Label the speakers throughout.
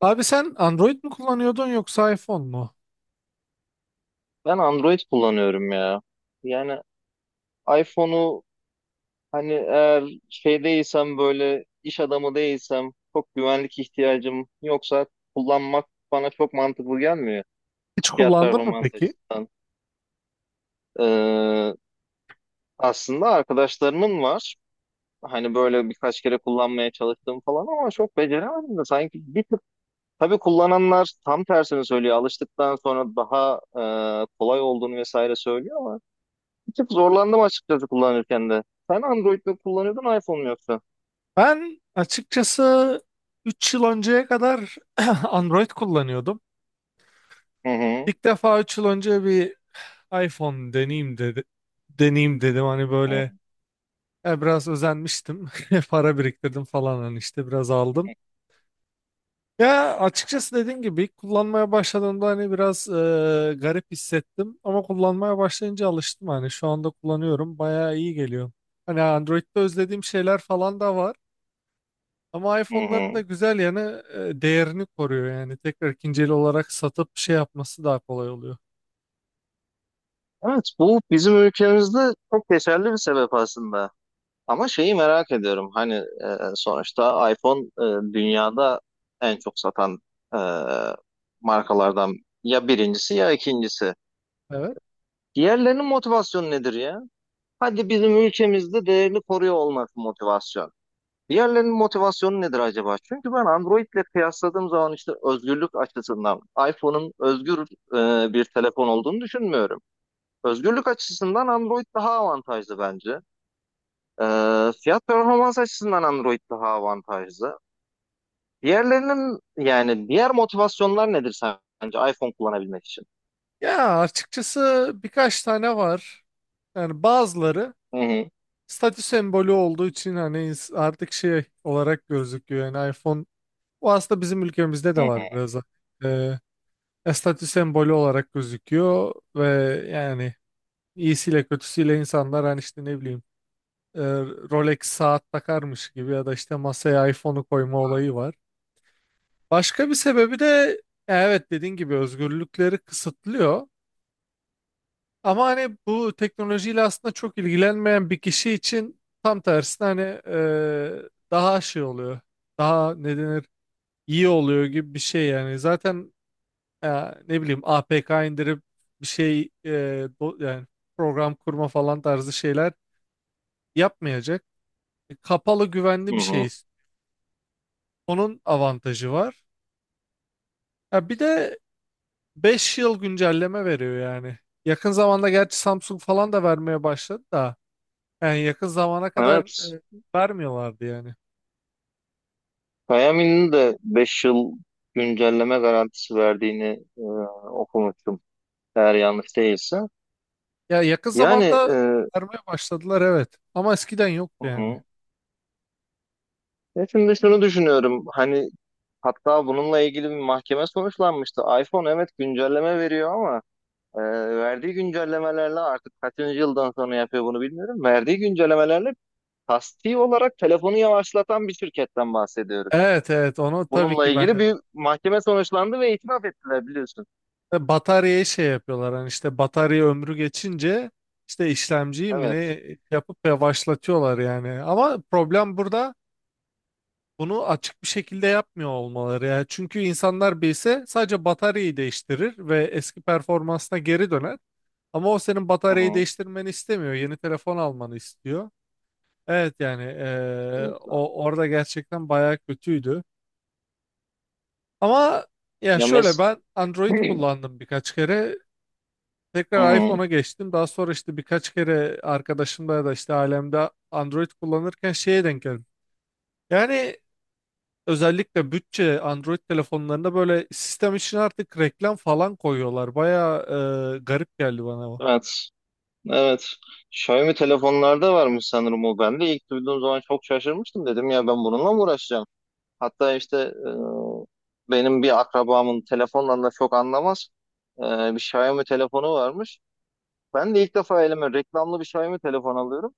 Speaker 1: Abi sen Android mi kullanıyordun yoksa iPhone mu?
Speaker 2: Ben Android kullanıyorum ya. Yani iPhone'u hani eğer şey değilsem böyle iş adamı değilsem çok güvenlik ihtiyacım yoksa kullanmak bana çok mantıklı gelmiyor
Speaker 1: Hiç
Speaker 2: fiyat
Speaker 1: kullandın mı
Speaker 2: performans
Speaker 1: peki?
Speaker 2: açısından. Ee, Aslında arkadaşlarımın var. Hani böyle birkaç kere kullanmaya çalıştım falan ama çok beceremedim de sanki bir tık tabii kullananlar tam tersini söylüyor. Alıştıktan sonra daha kolay olduğunu vesaire söylüyor ama bir tık zorlandım açıkçası kullanırken de. Sen Android mi kullanıyordun iPhone mu yoksa?
Speaker 1: Ben açıkçası 3 yıl önceye kadar Android kullanıyordum.
Speaker 2: Hı hı.
Speaker 1: İlk defa 3 yıl önce bir iPhone deneyeyim dedi. Deneyeyim dedim hani böyle
Speaker 2: Hı
Speaker 1: biraz özenmiştim. Para biriktirdim falan hani işte biraz aldım. Ya açıkçası dediğim gibi ilk kullanmaya başladığımda hani biraz garip hissettim ama kullanmaya başlayınca alıştım hani şu anda kullanıyorum bayağı iyi geliyor. Hani Android'de özlediğim şeyler falan da var ama
Speaker 2: hı.
Speaker 1: iPhone'ların da
Speaker 2: Hı.
Speaker 1: güzel yanı değerini koruyor yani tekrar ikinci el olarak satıp şey yapması daha kolay oluyor.
Speaker 2: Evet, bu bizim ülkemizde çok geçerli bir sebep aslında. Ama şeyi merak ediyorum. Hani sonuçta iPhone dünyada en çok satan e, markalardan ya birincisi ya ikincisi.
Speaker 1: Evet.
Speaker 2: Diğerlerinin motivasyonu nedir ya? Hadi bizim ülkemizde değerini koruyor olması motivasyon. Diğerlerinin motivasyonu nedir acaba? Çünkü ben Android'le kıyasladığım zaman işte özgürlük açısından iPhone'un özgür bir telefon olduğunu düşünmüyorum. Özgürlük açısından Android daha avantajlı bence. E, Fiyat performans açısından Android daha avantajlı. Diğerlerinin yani diğer motivasyonlar nedir sence iPhone kullanabilmek için?
Speaker 1: Ya açıkçası birkaç tane var. Yani bazıları
Speaker 2: Hı hı.
Speaker 1: statü sembolü olduğu için hani artık şey olarak gözüküyor. Yani iPhone. Bu aslında bizim ülkemizde
Speaker 2: Hı
Speaker 1: de
Speaker 2: hı.
Speaker 1: var biraz da. Ee, statü sembolü olarak gözüküyor ve yani iyisiyle kötüsüyle insanlar hani işte ne bileyim e, Rolex saat takarmış gibi ya da işte masaya iPhone'u koyma olayı var. Başka bir sebebi de evet dediğin gibi özgürlükleri kısıtlıyor. Ama hani bu teknolojiyle aslında çok ilgilenmeyen bir kişi için tam tersine hani e, daha şey oluyor. Daha ne denir iyi oluyor gibi bir şey yani. Zaten e, ne bileyim APK indirip bir şey yani program kurma falan tarzı şeyler yapmayacak. Kapalı
Speaker 2: Hı
Speaker 1: güvenli bir
Speaker 2: hı.
Speaker 1: şeyiz. Onun avantajı var. Ya bir de 5 yıl güncelleme veriyor yani. Yakın zamanda gerçi Samsung falan da vermeye başladı da yani yakın zamana kadar
Speaker 2: Evet.
Speaker 1: e, vermiyorlardı yani.
Speaker 2: Xiaomi'nin de 5 yıl güncelleme garantisi verdiğini e, okumuştum. Eğer yanlış değilse.
Speaker 1: Ya yakın
Speaker 2: Yani
Speaker 1: zamanda
Speaker 2: hı
Speaker 1: vermeye başladılar evet ama eskiden yoktu yani.
Speaker 2: hı. Ya şimdi şunu düşünüyorum. Hani hatta bununla ilgili bir mahkeme sonuçlanmıştı. iPhone evet güncelleme veriyor ama e, verdiği güncellemelerle artık kaçıncı yıldan sonra yapıyor bunu bilmiyorum. Verdiği güncellemelerle kasti olarak telefonu yavaşlatan bir şirketten bahsediyoruz.
Speaker 1: Evet, evet, onu tabii
Speaker 2: Bununla
Speaker 1: ki ben
Speaker 2: ilgili
Speaker 1: de.
Speaker 2: bir mahkeme sonuçlandı ve itiraf ettiler biliyorsun.
Speaker 1: Ve bataryayı şey yapıyorlar hani işte batarya ömrü geçince işte işlemciyi mi
Speaker 2: Evet.
Speaker 1: ne yapıp yavaşlatıyorlar yani. Ama problem burada bunu açık bir şekilde yapmıyor olmaları yani. Çünkü insanlar bilse sadece bataryayı değiştirir ve eski performansına geri döner. Ama o senin
Speaker 2: Hı
Speaker 1: bataryayı
Speaker 2: hı.
Speaker 1: değiştirmeni istemiyor. Yeni telefon almanı istiyor. Evet yani
Speaker 2: Kesinlikle.
Speaker 1: o orada gerçekten bayağı kötüydü. Ama ya
Speaker 2: Ya
Speaker 1: şöyle
Speaker 2: mes-
Speaker 1: ben Android
Speaker 2: Hı
Speaker 1: kullandım birkaç kere. Tekrar
Speaker 2: hı.
Speaker 1: iPhone'a geçtim. Daha sonra işte birkaç kere arkadaşımda ya da işte ailemde Android kullanırken şeye denk geldim. Yani özellikle bütçe Android telefonlarında böyle sistem için artık reklam falan koyuyorlar. Bayağı garip geldi bana bu.
Speaker 2: Evet. Evet. Xiaomi telefonlarda varmış sanırım o. Ben de ilk duyduğum zaman çok şaşırmıştım. Dedim ya, ben bununla mı uğraşacağım? Hatta işte benim bir akrabamın telefondan da çok anlamaz. e, Bir Xiaomi telefonu varmış. Ben de ilk defa elime reklamlı bir Xiaomi telefon alıyorum.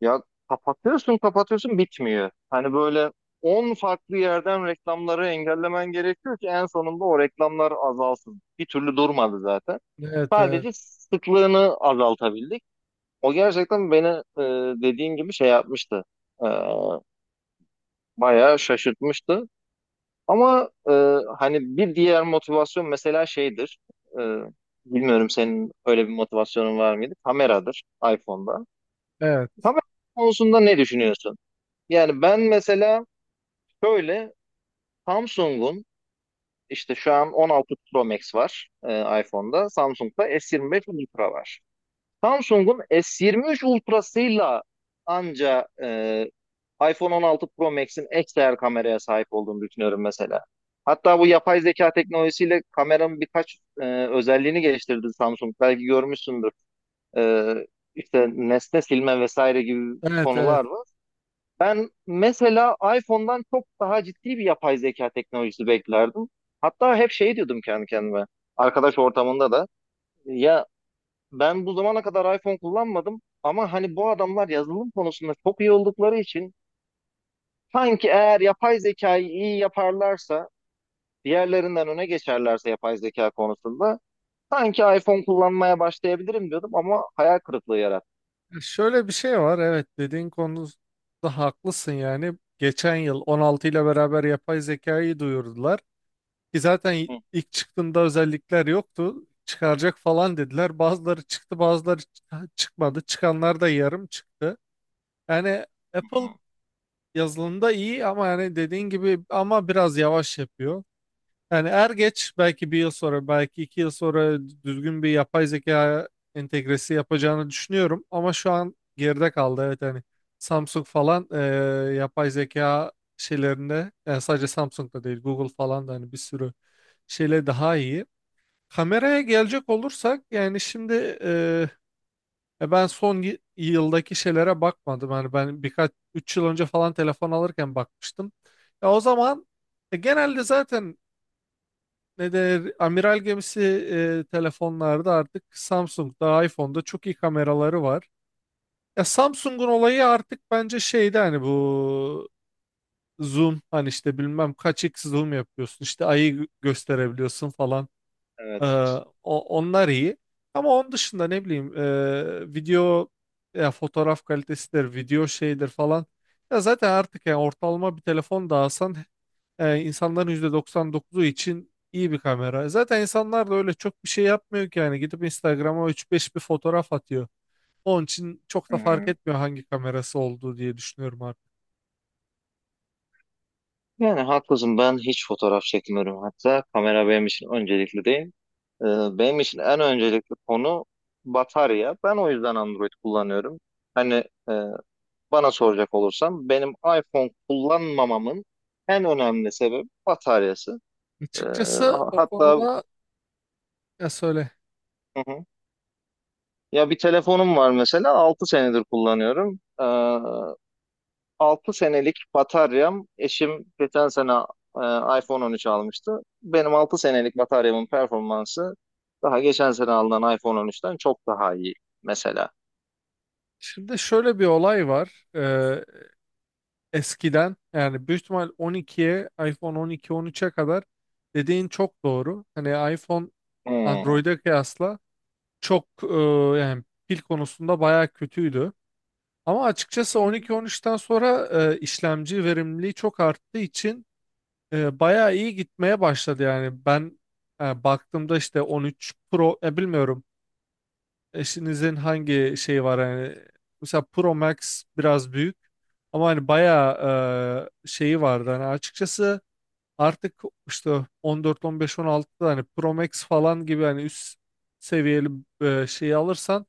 Speaker 2: Ya, kapatıyorsun kapatıyorsun bitmiyor. Hani böyle 10 farklı yerden reklamları engellemen gerekiyor ki en sonunda o reklamlar azalsın. Bir türlü durmadı zaten.
Speaker 1: Evet, evet,
Speaker 2: Sadece sıklığını azaltabildik. O gerçekten beni e, dediğin gibi şey yapmıştı. E, Bayağı şaşırtmıştı. Ama hani bir diğer motivasyon mesela şeydir. E, Bilmiyorum senin öyle bir motivasyonun var mıydı? Kameradır iPhone'da.
Speaker 1: evet,
Speaker 2: Kamera konusunda ne düşünüyorsun? Yani ben mesela şöyle Samsung'un işte şu an 16 Pro Max var iPhone'da. Samsung'da S25 Ultra var. Samsung'un S23 Ultra'sıyla anca iPhone 16 Pro Max'in XR kameraya sahip olduğunu düşünüyorum mesela. Hatta bu yapay zeka teknolojisiyle kameranın birkaç özelliğini geliştirdi Samsung. Belki görmüşsündür. E, işte nesne silme vesaire gibi
Speaker 1: evet, evet.
Speaker 2: konular var. Ben mesela iPhone'dan çok daha ciddi bir yapay zeka teknolojisi beklerdim. Hatta hep şey diyordum kendi kendime. Arkadaş ortamında da. Ya, ben bu zamana kadar iPhone kullanmadım ama hani bu adamlar yazılım konusunda çok iyi oldukları için sanki eğer yapay zekayı iyi yaparlarsa, diğerlerinden öne geçerlerse yapay zeka konusunda sanki iPhone kullanmaya başlayabilirim diyordum ama hayal kırıklığı yarattı.
Speaker 1: Şöyle bir şey var. Evet, dediğin konuda haklısın yani. Geçen yıl 16 ile beraber yapay zekayı duyurdular. Ki zaten
Speaker 2: Hı, hı,
Speaker 1: ilk çıktığında özellikler yoktu. Çıkaracak falan dediler. Bazıları çıktı, bazıları çıkmadı. Çıkanlar da yarım çıktı. Yani Apple
Speaker 2: hı.
Speaker 1: yazılımda iyi ama yani dediğin gibi ama biraz yavaş yapıyor. Yani er geç belki bir yıl sonra, belki iki yıl sonra düzgün bir yapay zeka entegresi yapacağını düşünüyorum. Ama şu an geride kaldı. Evet hani Samsung falan yapay zeka şeylerinde yani sadece Samsung'da değil Google falan da hani bir sürü şeyle daha iyi. Kameraya gelecek olursak yani şimdi e, ben son yıldaki şeylere bakmadım. Yani ben birkaç 3 yıl önce falan telefon alırken bakmıştım. Ya o zaman genelde zaten ne der amiral gemisi telefonlarda artık Samsung'da iPhone'da çok iyi kameraları var. Ya Samsung'un olayı artık bence şeyde hani bu zoom hani işte bilmem kaç x zoom yapıyorsun işte ayı gösterebiliyorsun falan. Ee,
Speaker 2: Evet.
Speaker 1: onlar iyi. Ama onun dışında ne bileyim video ya fotoğraf kalitesidir, video şeydir falan. Ya zaten artık yani ortalama bir telefon da alsan insanların %99'u için iyi bir kamera. Zaten insanlar da öyle çok bir şey yapmıyor ki yani gidip Instagram'a 3-5 bir fotoğraf atıyor. Onun için çok
Speaker 2: Hı
Speaker 1: da fark
Speaker 2: hı.
Speaker 1: etmiyor hangi kamerası olduğu diye düşünüyorum artık.
Speaker 2: Yani haklısın, ben hiç fotoğraf çekmiyorum, hatta kamera benim için öncelikli değil. Ee, Benim için en öncelikli konu batarya. Ben o yüzden Android kullanıyorum. Hani e, bana soracak olursam benim iPhone kullanmamamın en önemli sebebi bataryası.
Speaker 1: Açıkçası o
Speaker 2: Hatta,
Speaker 1: konuda ya söyle.
Speaker 2: hı hı. Ya, bir telefonum var mesela 6 senedir kullanıyorum. 6 senelik bataryam, eşim geçen sene iPhone 13 almıştı. Benim 6 senelik bataryamın performansı daha geçen sene alınan iPhone 13'ten çok daha iyi mesela.
Speaker 1: Şimdi şöyle bir olay var. Eskiden yani büyük ihtimal 12'ye iPhone 12 13'e kadar dediğin çok doğru. Hani iPhone
Speaker 2: Hmm.
Speaker 1: Android'e kıyasla çok yani pil konusunda bayağı kötüydü. Ama açıkçası
Speaker 2: Hmm.
Speaker 1: 12 13'ten sonra işlemci verimliliği çok arttığı için bayağı iyi gitmeye başladı yani. Ben baktığımda işte 13 Pro bilmiyorum eşinizin hangi şeyi var hani mesela Pro Max biraz büyük ama hani bayağı şeyi vardı hani açıkçası artık işte 14 15 16'da hani Pro Max falan gibi hani üst seviyeli şeyi alırsan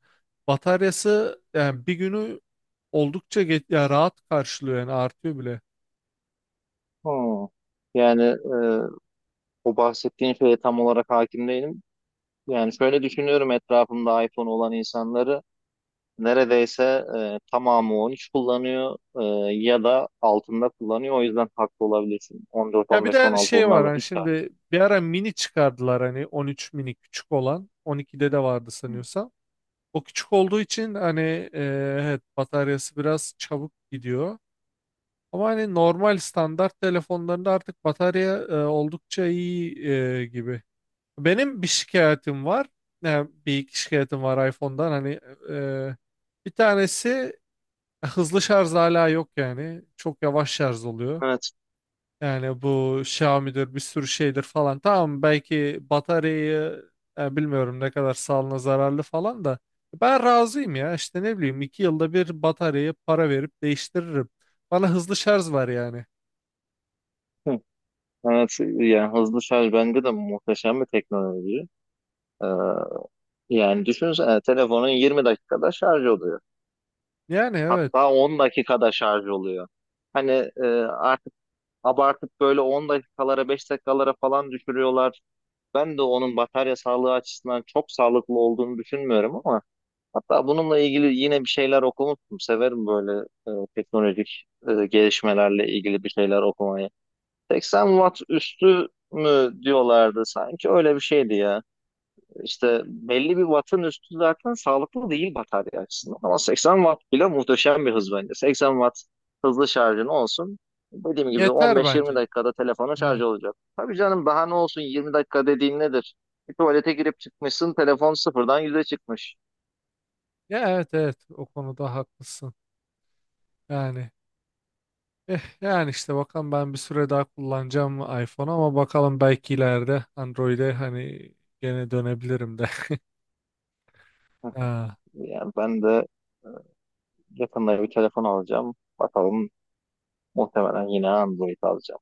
Speaker 1: bataryası yani bir günü oldukça geç, ya rahat karşılıyor yani artıyor bile.
Speaker 2: Hmm. Yani o bahsettiğin şeye tam olarak hakim değilim. Yani şöyle düşünüyorum, etrafımda iPhone olan insanları neredeyse tamamı 13 kullanıyor, ya da altında kullanıyor. O yüzden haklı olabilirsin. 14,
Speaker 1: Ya bir de
Speaker 2: 15,
Speaker 1: hani
Speaker 2: 16
Speaker 1: şey var
Speaker 2: onlarla
Speaker 1: hani
Speaker 2: hiç
Speaker 1: şimdi bir ara mini çıkardılar hani 13 mini küçük olan 12'de de vardı
Speaker 2: tartışmam.
Speaker 1: sanıyorsam. O küçük olduğu için hani e, evet bataryası biraz çabuk gidiyor. Ama hani normal standart telefonlarında artık batarya oldukça iyi gibi. Benim bir şikayetim var. Yani bir iki şikayetim var iPhone'dan. Hani e, bir tanesi hızlı şarj hala yok yani. Çok yavaş şarj oluyor.
Speaker 2: Evet.
Speaker 1: Yani bu Xiaomi'dir bir sürü şeydir falan. Tamam belki bataryayı bilmiyorum ne kadar sağlığına zararlı falan da. Ben razıyım ya işte ne bileyim 2 yılda bir bataryayı para verip değiştiririm. Bana hızlı şarj var yani.
Speaker 2: Hı. Evet, yani hızlı şarj bence de muhteşem bir teknoloji. E, Yani düşünsene, telefonun 20 dakikada şarj oluyor.
Speaker 1: Yani evet
Speaker 2: Hatta 10 dakikada şarj oluyor. Hani e, artık abartıp böyle 10 dakikalara 5 dakikalara falan düşürüyorlar. Ben de onun batarya sağlığı açısından çok sağlıklı olduğunu düşünmüyorum ama hatta bununla ilgili yine bir şeyler okumuştum. Severim böyle teknolojik gelişmelerle ilgili bir şeyler okumayı. 80 watt üstü mü diyorlardı sanki, öyle bir şeydi ya. İşte belli bir wattın üstü zaten sağlıklı değil batarya açısından. Ama 80 watt bile muhteşem bir hız bence. 80 watt hızlı şarjın olsun. Dediğim gibi
Speaker 1: yeter
Speaker 2: 15-20
Speaker 1: bence.
Speaker 2: dakikada telefonun şarj
Speaker 1: Evet.
Speaker 2: olacak. Tabii canım, daha ne olsun, 20 dakika dediğin nedir? Bir tuvalete girip çıkmışsın, telefon sıfırdan yüze çıkmış.
Speaker 1: Ya, evet, evet, o konuda haklısın. Yani yani işte bakalım ben bir süre daha kullanacağım iPhone'u ama bakalım belki ileride Android'e hani gene dönebilirim de. Ha.
Speaker 2: Yani ben de yakında bir telefon alacağım. Bakalım, muhtemelen yine Android alacağım.